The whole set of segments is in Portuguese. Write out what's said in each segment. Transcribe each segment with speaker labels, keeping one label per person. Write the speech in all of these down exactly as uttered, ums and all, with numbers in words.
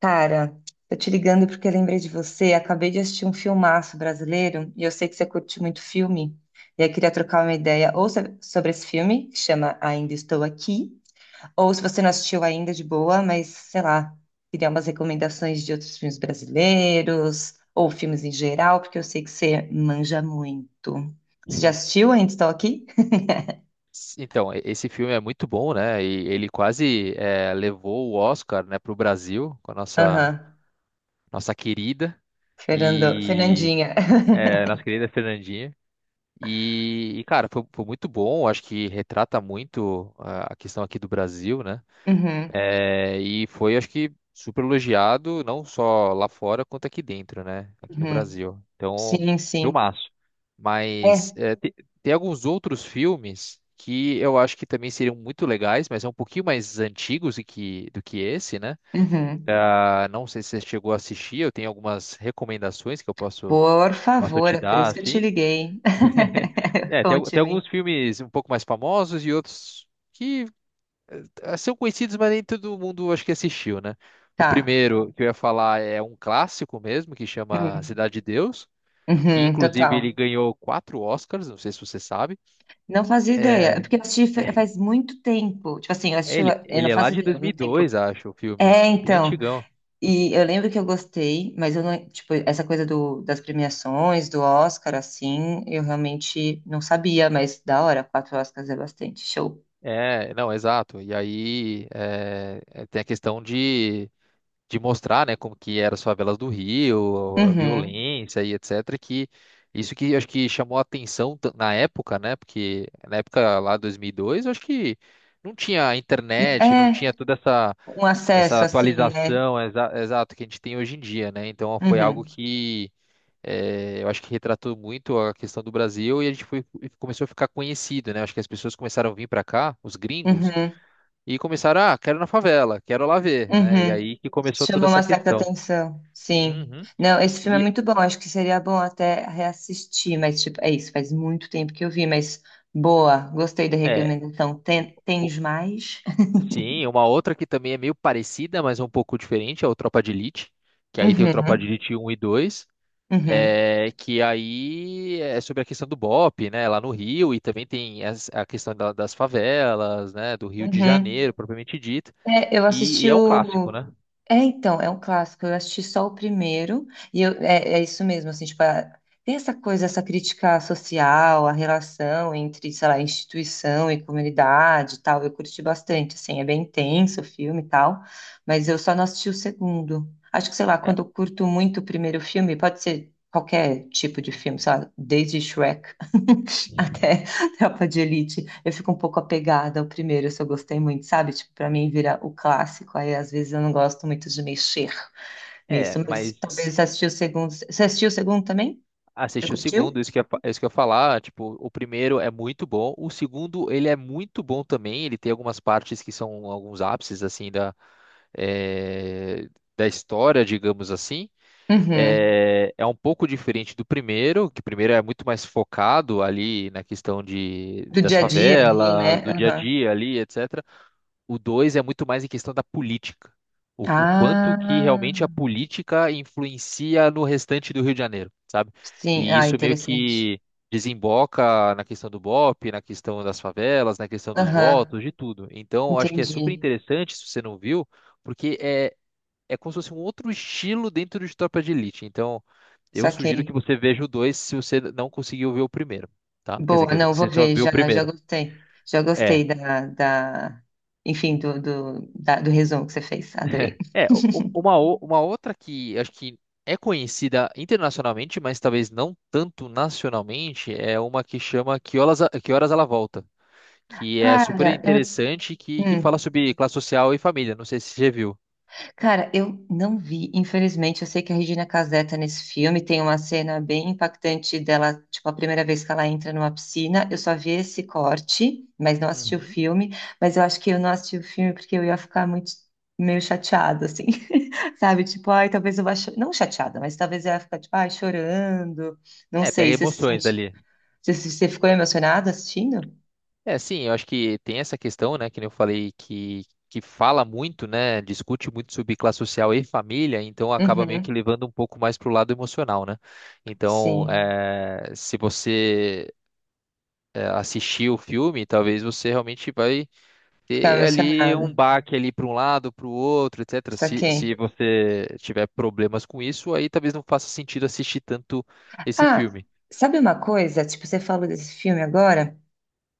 Speaker 1: Cara, tô te ligando porque eu lembrei de você. Acabei de assistir um filmaço brasileiro e eu sei que você curte muito filme. E aí queria trocar uma ideia ou so- sobre esse filme, que chama Ainda Estou Aqui, ou se você não assistiu ainda, de boa, mas sei lá, queria umas recomendações de outros filmes brasileiros ou filmes em geral, porque eu sei que você manja muito. Você já
Speaker 2: Hum.
Speaker 1: assistiu Ainda Estou Aqui?
Speaker 2: Então, e- esse filme é muito bom, né? E ele quase eh, levou o Oscar, né, para o Brasil com a nossa
Speaker 1: Aham,
Speaker 2: nossa querida
Speaker 1: Fernando,
Speaker 2: e
Speaker 1: Fernandinha.
Speaker 2: eh, nossa querida Fernandinha. E, e, cara, foi, foi muito bom. Acho que retrata muito ah, a questão aqui do Brasil, né?
Speaker 1: Uhum,
Speaker 2: É, e foi, acho que, super elogiado, não só lá fora, quanto aqui dentro, né? Aqui no
Speaker 1: uhum.
Speaker 2: Brasil. Então,
Speaker 1: Sim, sim.
Speaker 2: filmaço. Mas
Speaker 1: É.
Speaker 2: é, te- tem alguns outros filmes que eu acho que também seriam muito legais, mas são um pouquinho mais antigos e que, do que esse, né?
Speaker 1: Uhum.
Speaker 2: Ah, não sei se você chegou a assistir, eu tenho algumas recomendações que eu posso,
Speaker 1: Por
Speaker 2: posso
Speaker 1: favor,
Speaker 2: te
Speaker 1: é por
Speaker 2: dar,
Speaker 1: isso que eu te
Speaker 2: assim.
Speaker 1: liguei.
Speaker 2: É, tem, al- tem
Speaker 1: Conte-me.
Speaker 2: alguns filmes um pouco mais famosos e outros. Que ah, são conhecidos, mas nem todo mundo acho que assistiu, né? O
Speaker 1: Tá.
Speaker 2: primeiro que eu ia falar é um clássico mesmo, que chama
Speaker 1: Hum.
Speaker 2: Cidade de Deus, que
Speaker 1: Uhum,
Speaker 2: inclusive ele
Speaker 1: total.
Speaker 2: ganhou quatro Oscars, não sei se você sabe.
Speaker 1: Não fazia ideia. É
Speaker 2: É,
Speaker 1: porque eu assisti fa-
Speaker 2: é-
Speaker 1: faz muito tempo. Tipo assim, eu assisti.
Speaker 2: ele,
Speaker 1: Eu
Speaker 2: ele
Speaker 1: não
Speaker 2: é lá
Speaker 1: faço
Speaker 2: de
Speaker 1: ideia, há muito tempo.
Speaker 2: dois mil e dois, acho, o filme.
Speaker 1: É,
Speaker 2: É bem
Speaker 1: então.
Speaker 2: antigão.
Speaker 1: E eu lembro que eu gostei, mas eu não. Tipo, essa coisa do, das premiações, do Oscar, assim, eu realmente não sabia, mas da hora, quatro Oscars é bastante. Show.
Speaker 2: É, não, exato. E aí é, é, tem a questão de de mostrar, né, como que eram as favelas do Rio, a
Speaker 1: Uhum.
Speaker 2: violência e etc, que isso que eu acho que chamou a atenção ta- na época, né, porque na época lá dois mil e dois, eu acho que não tinha internet, não
Speaker 1: É,
Speaker 2: tinha toda essa
Speaker 1: um
Speaker 2: essa
Speaker 1: acesso, assim, né?
Speaker 2: atualização exa exato que a gente tem hoje em dia, né? Então foi algo
Speaker 1: Uhum.
Speaker 2: que eh, eu acho que retratou muito a questão do Brasil e a gente foi, e começou a ficar conhecido, né? Acho que as pessoas começaram a vir para cá, os gringos,
Speaker 1: Uhum.
Speaker 2: e começaram, ah, quero ir na favela, quero lá ver, né? E
Speaker 1: Uhum.
Speaker 2: aí que começou toda
Speaker 1: Chama
Speaker 2: essa
Speaker 1: uma certa
Speaker 2: questão.
Speaker 1: atenção, sim.
Speaker 2: Uhum.
Speaker 1: Não, esse filme é
Speaker 2: E
Speaker 1: muito bom, acho que seria bom até reassistir, mas tipo, é isso, faz muito tempo que eu vi, mas boa, gostei da
Speaker 2: é,
Speaker 1: recomendação. Tem,
Speaker 2: o-
Speaker 1: tens mais?
Speaker 2: sim, uma outra que também é meio parecida, mas é um pouco diferente, é o Tropa de Elite, que aí tem o Tropa de
Speaker 1: Uhum,
Speaker 2: Elite um e dois,
Speaker 1: uhum,
Speaker 2: é, que aí é sobre a questão do B O P, né, lá no Rio, e também tem as- a questão da- das favelas, né, do Rio de
Speaker 1: uhum.
Speaker 2: Janeiro, propriamente dito,
Speaker 1: É, eu
Speaker 2: e, e
Speaker 1: assisti
Speaker 2: é um clássico,
Speaker 1: o.
Speaker 2: né?
Speaker 1: É, então, é um clássico. Eu assisti só o primeiro, e eu- é, é isso mesmo, assim, tipo, a- tem essa coisa, essa crítica social, a relação entre, sei lá, instituição e comunidade e tal. Eu curti bastante, assim, é bem intenso o filme e tal, mas eu só não assisti o segundo. Acho que, sei lá,
Speaker 2: É,
Speaker 1: quando eu curto muito o primeiro filme, pode ser qualquer tipo de filme, sei lá, desde Shrek até Tropa de Elite, eu fico um pouco apegada ao primeiro, se eu gostei muito, sabe? Tipo, pra mim vira o clássico, aí às vezes eu não gosto muito de mexer
Speaker 2: é,
Speaker 1: nisso, mas
Speaker 2: mas
Speaker 1: talvez você assistiu o segundo. Você assistiu o segundo também? Você
Speaker 2: assisti o segundo,
Speaker 1: curtiu?
Speaker 2: isso que eu, isso que eu ia falar, tipo, o primeiro é muito bom, o segundo, ele é muito bom também, ele tem algumas partes que são alguns ápices, assim, da, eh, da história, digamos assim.
Speaker 1: Uhum.
Speaker 2: É, é um pouco diferente do primeiro, que o primeiro é muito mais focado ali na questão de,
Speaker 1: Do
Speaker 2: das
Speaker 1: dia a dia ali,
Speaker 2: favelas,
Speaker 1: né?
Speaker 2: do dia a
Speaker 1: Aham.
Speaker 2: dia ali, etecetera. O dois é muito mais em questão da política. O, o quanto que
Speaker 1: Ah,
Speaker 2: realmente a política influencia no restante do Rio de Janeiro, sabe?
Speaker 1: sim.
Speaker 2: E
Speaker 1: Ah,
Speaker 2: isso meio
Speaker 1: interessante.
Speaker 2: que desemboca na questão do B O P, na questão das favelas, na questão dos
Speaker 1: Aham,
Speaker 2: votos, de tudo. Então, eu acho que é super
Speaker 1: entendi.
Speaker 2: interessante, se você não viu, porque é, é como se fosse um outro estilo dentro de Tropa de Elite. Então, eu
Speaker 1: Saquei.
Speaker 2: sugiro que você veja o dois se você não conseguiu ver o primeiro, tá? Quer dizer,
Speaker 1: Boa,
Speaker 2: quer dizer,
Speaker 1: não,
Speaker 2: se
Speaker 1: vou
Speaker 2: você só
Speaker 1: ver,
Speaker 2: viu o
Speaker 1: já, já
Speaker 2: primeiro.
Speaker 1: gostei. Já gostei
Speaker 2: É.
Speaker 1: da, da, enfim, do, do, da- do resumo que você fez. Adorei.
Speaker 2: É, u- u- uma, o- uma outra que acho que é conhecida internacionalmente, mas talvez não tanto nacionalmente, é uma que chama Que Horas, A- Que Horas Ela Volta, que é super
Speaker 1: Cara, eu,
Speaker 2: interessante, que, que fala
Speaker 1: hum.
Speaker 2: sobre classe social e família. Não sei se você já viu.
Speaker 1: Cara, eu não vi, infelizmente. Eu sei que a Regina Casé tá nesse filme, tem uma cena bem impactante dela, tipo, a primeira vez que ela entra numa piscina. Eu só vi esse corte, mas não assisti o
Speaker 2: Uhum.
Speaker 1: filme. Mas eu acho que eu não assisti o filme porque eu ia ficar muito, meio chateada, assim, sabe? Tipo, ai, talvez eu vá. cho- Não chateada, mas talvez eu ia ficar, tipo, ai, chorando. Não
Speaker 2: É,
Speaker 1: sei,
Speaker 2: pega
Speaker 1: você se
Speaker 2: emoções
Speaker 1: sente.
Speaker 2: ali.
Speaker 1: Você, você ficou emocionada assistindo?
Speaker 2: É, sim, eu acho que tem essa questão, né, que nem eu falei, que, que fala muito, né, discute muito sobre classe social e família, então acaba meio que
Speaker 1: Uhum,
Speaker 2: levando um pouco mais pro lado emocional, né? Então,
Speaker 1: sim,
Speaker 2: eh, se você é, assistir o filme, talvez você realmente vai
Speaker 1: ficava
Speaker 2: ter ali um
Speaker 1: emocionada.
Speaker 2: baque ali para um lado, para o outro, etecetera. Se, se
Speaker 1: Saquei.
Speaker 2: você tiver problemas com isso, aí talvez não faça sentido assistir tanto esse
Speaker 1: Ah,
Speaker 2: filme.
Speaker 1: sabe uma coisa? Tipo, você falou desse filme agora,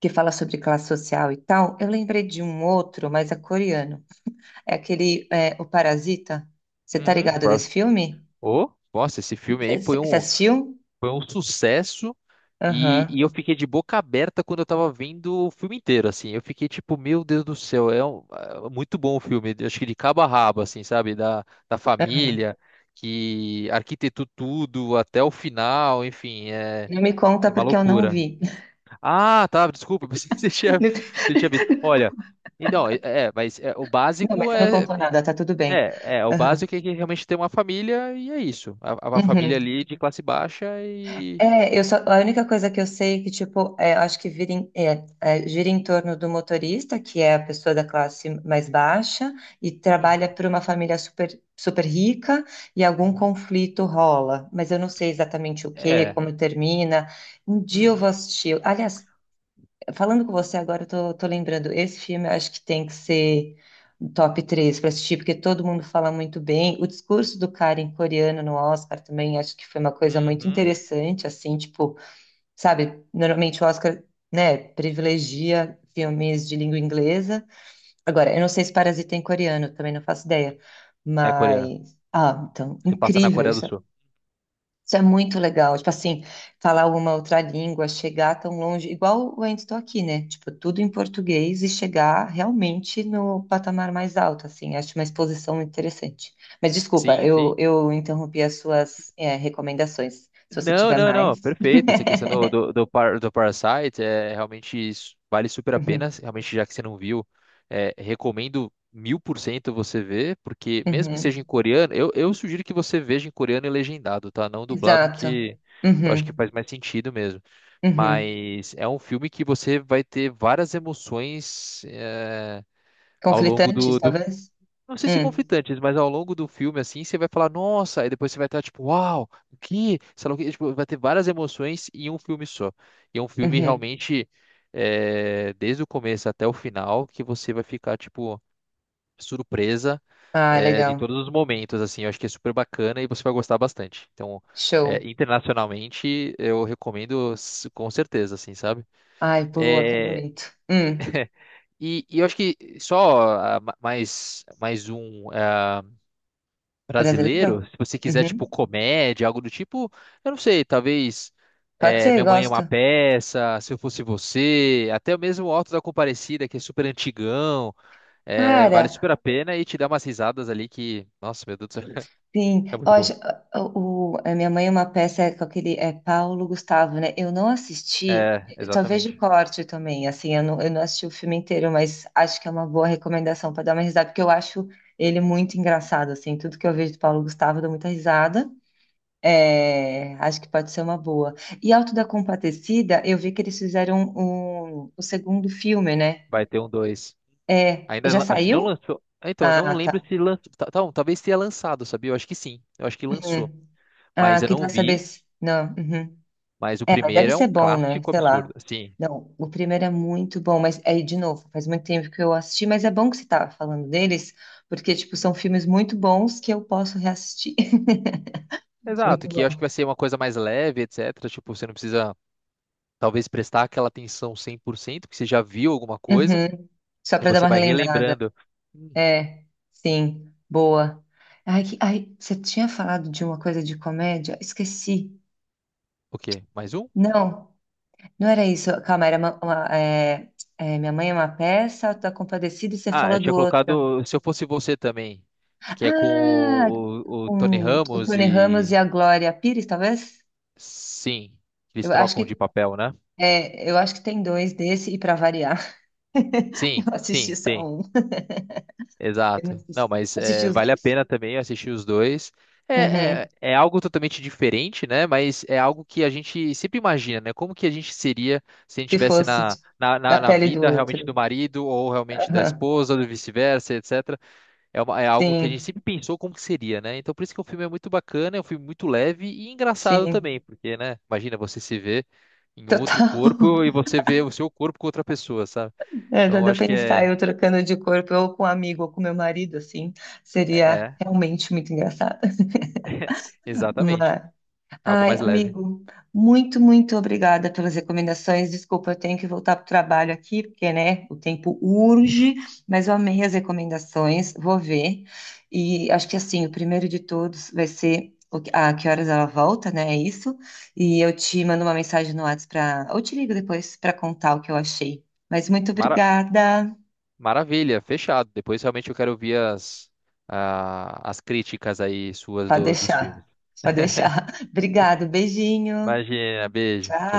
Speaker 1: que fala sobre classe social e tal. Eu lembrei de um outro, mas é coreano. É aquele, é, O Parasita. Você tá
Speaker 2: Uhum.
Speaker 1: ligado
Speaker 2: Pró-
Speaker 1: desse filme?
Speaker 2: Ô, nossa, esse filme aí
Speaker 1: Você
Speaker 2: foi
Speaker 1: você
Speaker 2: um,
Speaker 1: assistiu?
Speaker 2: foi um sucesso. E, e
Speaker 1: Aham,
Speaker 2: eu fiquei de boca aberta quando eu tava vendo o filme inteiro, assim. Eu fiquei tipo, meu Deus do céu, é, um- é muito bom o filme. Eu acho que de cabo a rabo, assim, sabe? Da, da
Speaker 1: aham.
Speaker 2: família, que arquitetou tudo até o final, enfim, é,
Speaker 1: Não me conta
Speaker 2: é uma
Speaker 1: porque eu não
Speaker 2: loucura.
Speaker 1: vi.
Speaker 2: Ah, tá, desculpa, pensei que você tinha, você tinha visto. Olha, então, é, é, mas é, o
Speaker 1: Não, mas
Speaker 2: básico
Speaker 1: você não
Speaker 2: é,
Speaker 1: contou
Speaker 2: é,
Speaker 1: nada, tá tudo bem.
Speaker 2: é, é, o
Speaker 1: Aham.
Speaker 2: básico é que realmente tem uma família e é isso. A, a família
Speaker 1: Uhum.
Speaker 2: ali de classe baixa e.
Speaker 1: É, eu só, a única coisa que eu sei é que, tipo, é, eu acho que vira em- é, é, gira em torno do motorista, que é a pessoa da classe mais baixa, e trabalha
Speaker 2: Uhum,
Speaker 1: para uma família super, super rica, e algum
Speaker 2: uhum.
Speaker 1: conflito rola. Mas eu não sei exatamente o que,
Speaker 2: É.
Speaker 1: como termina. Um dia eu vou
Speaker 2: Uhum,
Speaker 1: assistir. Aliás, falando com você agora, eu tô, tô lembrando, esse filme eu acho que tem que ser top três para assistir, porque todo mundo fala muito bem. O discurso do cara em coreano no Oscar também acho que foi uma coisa muito
Speaker 2: uhum.
Speaker 1: interessante, assim, tipo, sabe, normalmente o Oscar, né, privilegia filmes de língua inglesa. Agora, eu não sei se Parasita é em coreano, também não faço ideia,
Speaker 2: É coreano.
Speaker 1: mas... Ah, então,
Speaker 2: Se passa na
Speaker 1: incrível
Speaker 2: Coreia do
Speaker 1: isso.
Speaker 2: Sul.
Speaker 1: Isso é muito legal. Tipo assim, falar uma outra língua, chegar tão longe, igual eu ainda estou aqui, né? Tipo, tudo em português e chegar realmente no patamar mais alto, assim. Acho uma exposição muito interessante. Mas desculpa,
Speaker 2: Sim,
Speaker 1: eu,
Speaker 2: sim.
Speaker 1: eu interrompi as suas, é, recomendações. Se você
Speaker 2: Não,
Speaker 1: tiver
Speaker 2: não, não.
Speaker 1: mais.
Speaker 2: Perfeito. Essa questão do, do, do, par, do Parasite é realmente isso, vale super a pena.
Speaker 1: Uhum,
Speaker 2: Realmente, já que você não viu, é, recomendo mil por cento você ver, porque mesmo que seja
Speaker 1: uhum.
Speaker 2: em coreano, eu, eu sugiro que você veja em coreano e legendado, tá? Não dublado,
Speaker 1: Exato.
Speaker 2: que eu acho que
Speaker 1: Uhum,
Speaker 2: faz mais sentido mesmo.
Speaker 1: uhum.
Speaker 2: Mas é um filme que você vai ter várias emoções, é, ao longo
Speaker 1: Conflitantes,
Speaker 2: do, do...
Speaker 1: talvez?
Speaker 2: Não sei se
Speaker 1: Hum,
Speaker 2: conflitantes, mas ao longo do filme, assim, você vai falar, nossa, aí depois você vai estar tipo, uau, o que? Sei lá o quê. Tipo, vai ter várias emoções em um filme só. E é um filme
Speaker 1: uhum.
Speaker 2: realmente, é, desde o começo até o final, que você vai ficar, tipo, surpresa,
Speaker 1: Ah,
Speaker 2: é, de
Speaker 1: legal.
Speaker 2: todos os momentos, assim. Eu acho que é super bacana e você vai gostar bastante. Então, é,
Speaker 1: Show.
Speaker 2: internacionalmente, eu recomendo s- com certeza, assim, sabe?
Speaker 1: Ai, boa, quero
Speaker 2: É,
Speaker 1: muito. Hum.
Speaker 2: e, e eu acho que só ah, ma- mais, mais um. Eh,
Speaker 1: Brasileiro?
Speaker 2: brasileiro, se você quiser, tipo,
Speaker 1: Uhum.
Speaker 2: comédia, algo do tipo, eu não sei, talvez
Speaker 1: Pode
Speaker 2: é,
Speaker 1: ser,
Speaker 2: Minha Mãe é uma
Speaker 1: gosto.
Speaker 2: Peça, Se Eu Fosse Você, até mesmo o Alto da Comparecida, que é super antigão, é, vale
Speaker 1: Cara,
Speaker 2: super a pena e te dá umas risadas ali que, nossa, meu Deus do céu,
Speaker 1: sim.
Speaker 2: é
Speaker 1: Eu
Speaker 2: muito bom.
Speaker 1: acho- o, o- a Minha Mãe é uma Peça com aquele é Paulo Gustavo, né? Eu não assisti,
Speaker 2: É,
Speaker 1: eu só vejo
Speaker 2: exatamente.
Speaker 1: corte também, assim, eu não, eu não assisti o filme inteiro, mas acho que é uma boa recomendação para dar uma risada, porque eu acho ele muito engraçado, assim, tudo que eu vejo do Paulo Gustavo eu dou muita risada. É, acho que pode ser uma boa. E Auto da Compadecida, eu vi que eles fizeram um, um, o segundo filme, né?
Speaker 2: Vai ter um dois.
Speaker 1: É,
Speaker 2: Ainda,
Speaker 1: já
Speaker 2: lan- acho que não
Speaker 1: saiu?
Speaker 2: lançou. Ah, então, eu não
Speaker 1: Ah,
Speaker 2: lembro
Speaker 1: tá.
Speaker 2: se lançou. Então, talvez tenha lançado, sabia? Eu acho que sim. Eu acho que lançou.
Speaker 1: Uhum. Ah,
Speaker 2: Mas eu não
Speaker 1: queria saber
Speaker 2: vi.
Speaker 1: se... Não, uhum.
Speaker 2: Mas o
Speaker 1: É, mas
Speaker 2: primeiro
Speaker 1: deve
Speaker 2: é um
Speaker 1: ser bom, né?
Speaker 2: clássico
Speaker 1: Sei lá.
Speaker 2: absurdo. Sim,
Speaker 1: Não, o primeiro é muito bom, mas aí, de novo, faz muito tempo que eu assisti, mas é bom que você tava falando deles, porque, tipo, são filmes muito bons que eu posso reassistir.
Speaker 2: exato,
Speaker 1: Muito
Speaker 2: que eu acho que
Speaker 1: bom.
Speaker 2: vai ser uma coisa mais leve, etecetera. Tipo, você não precisa, talvez, prestar aquela atenção cem por cento que você já viu alguma coisa,
Speaker 1: Uhum. Só
Speaker 2: e
Speaker 1: pra dar
Speaker 2: você
Speaker 1: uma
Speaker 2: vai
Speaker 1: relembrada.
Speaker 2: relembrando.
Speaker 1: É, sim, boa. Ai, que- ai, você tinha falado de uma coisa de comédia? Esqueci.
Speaker 2: O quê? Mais um?
Speaker 1: Não, não era isso. Calma, era uma, uma, é, é, Minha Mãe é uma Peça, Tá Compadecida, e você
Speaker 2: Ah, eu
Speaker 1: falou
Speaker 2: tinha
Speaker 1: do outro.
Speaker 2: colocado Se Eu Fosse Você também, que é com
Speaker 1: Ah,
Speaker 2: o, o- o Tony
Speaker 1: com o
Speaker 2: Ramos
Speaker 1: Tony Ramos e
Speaker 2: e...
Speaker 1: a Glória Pires, talvez?
Speaker 2: Sim, eles
Speaker 1: Eu acho
Speaker 2: trocam de
Speaker 1: que
Speaker 2: papel, né?
Speaker 1: é, eu acho que tem dois desse e para variar, eu
Speaker 2: Sim,
Speaker 1: assisti
Speaker 2: sim,
Speaker 1: só
Speaker 2: tem.
Speaker 1: um. Eu não
Speaker 2: Exato. Não,
Speaker 1: assisti,
Speaker 2: mas
Speaker 1: assisti
Speaker 2: é,
Speaker 1: os
Speaker 2: vale a
Speaker 1: dois?
Speaker 2: pena também assistir os dois. É,
Speaker 1: Uhum.
Speaker 2: é, é algo totalmente diferente, né? Mas é algo que a gente sempre imagina, né? Como que a gente seria se a gente
Speaker 1: Se
Speaker 2: estivesse
Speaker 1: fosse de-
Speaker 2: na, na,
Speaker 1: da
Speaker 2: na, na
Speaker 1: pele do
Speaker 2: vida realmente do
Speaker 1: outro.
Speaker 2: marido ou realmente da
Speaker 1: Aham.
Speaker 2: esposa, ou vice-versa, etecetera. É, uma- é algo que a gente
Speaker 1: Sim,
Speaker 2: sempre pensou como que seria, né? Então por isso que o filme é muito bacana, é um filme muito leve e engraçado
Speaker 1: sim.
Speaker 2: também, porque, né? Imagina você se ver em outro
Speaker 1: Total.
Speaker 2: corpo e você vê o seu corpo com outra pessoa, sabe?
Speaker 1: É,
Speaker 2: Então
Speaker 1: dá
Speaker 2: eu
Speaker 1: pra
Speaker 2: acho que
Speaker 1: pensar
Speaker 2: é,
Speaker 1: eu trocando de corpo, ou com um amigo, ou com meu marido, assim,
Speaker 2: é,
Speaker 1: seria
Speaker 2: é,
Speaker 1: realmente muito engraçado.
Speaker 2: exatamente.
Speaker 1: Mas,
Speaker 2: Algo
Speaker 1: ai,
Speaker 2: mais leve.
Speaker 1: amigo, muito, muito obrigada pelas recomendações. Desculpa, eu tenho que voltar para o trabalho aqui, porque, né, o tempo urge, mas eu amei as recomendações, vou ver. E acho que, assim, o primeiro de todos vai ser o que- a Que Horas Ela Volta, né, é isso? E eu te mando uma mensagem no WhatsApp para... Ou te ligo depois para contar o que eu achei. Mas muito
Speaker 2: Mara-
Speaker 1: obrigada.
Speaker 2: Maravilha, fechado. Depois realmente eu quero ouvir as, ah, as críticas aí suas
Speaker 1: Pode
Speaker 2: do- dos filmes.
Speaker 1: deixar, pode deixar. Obrigado, beijinho.
Speaker 2: Imagina, beijo. Tchau,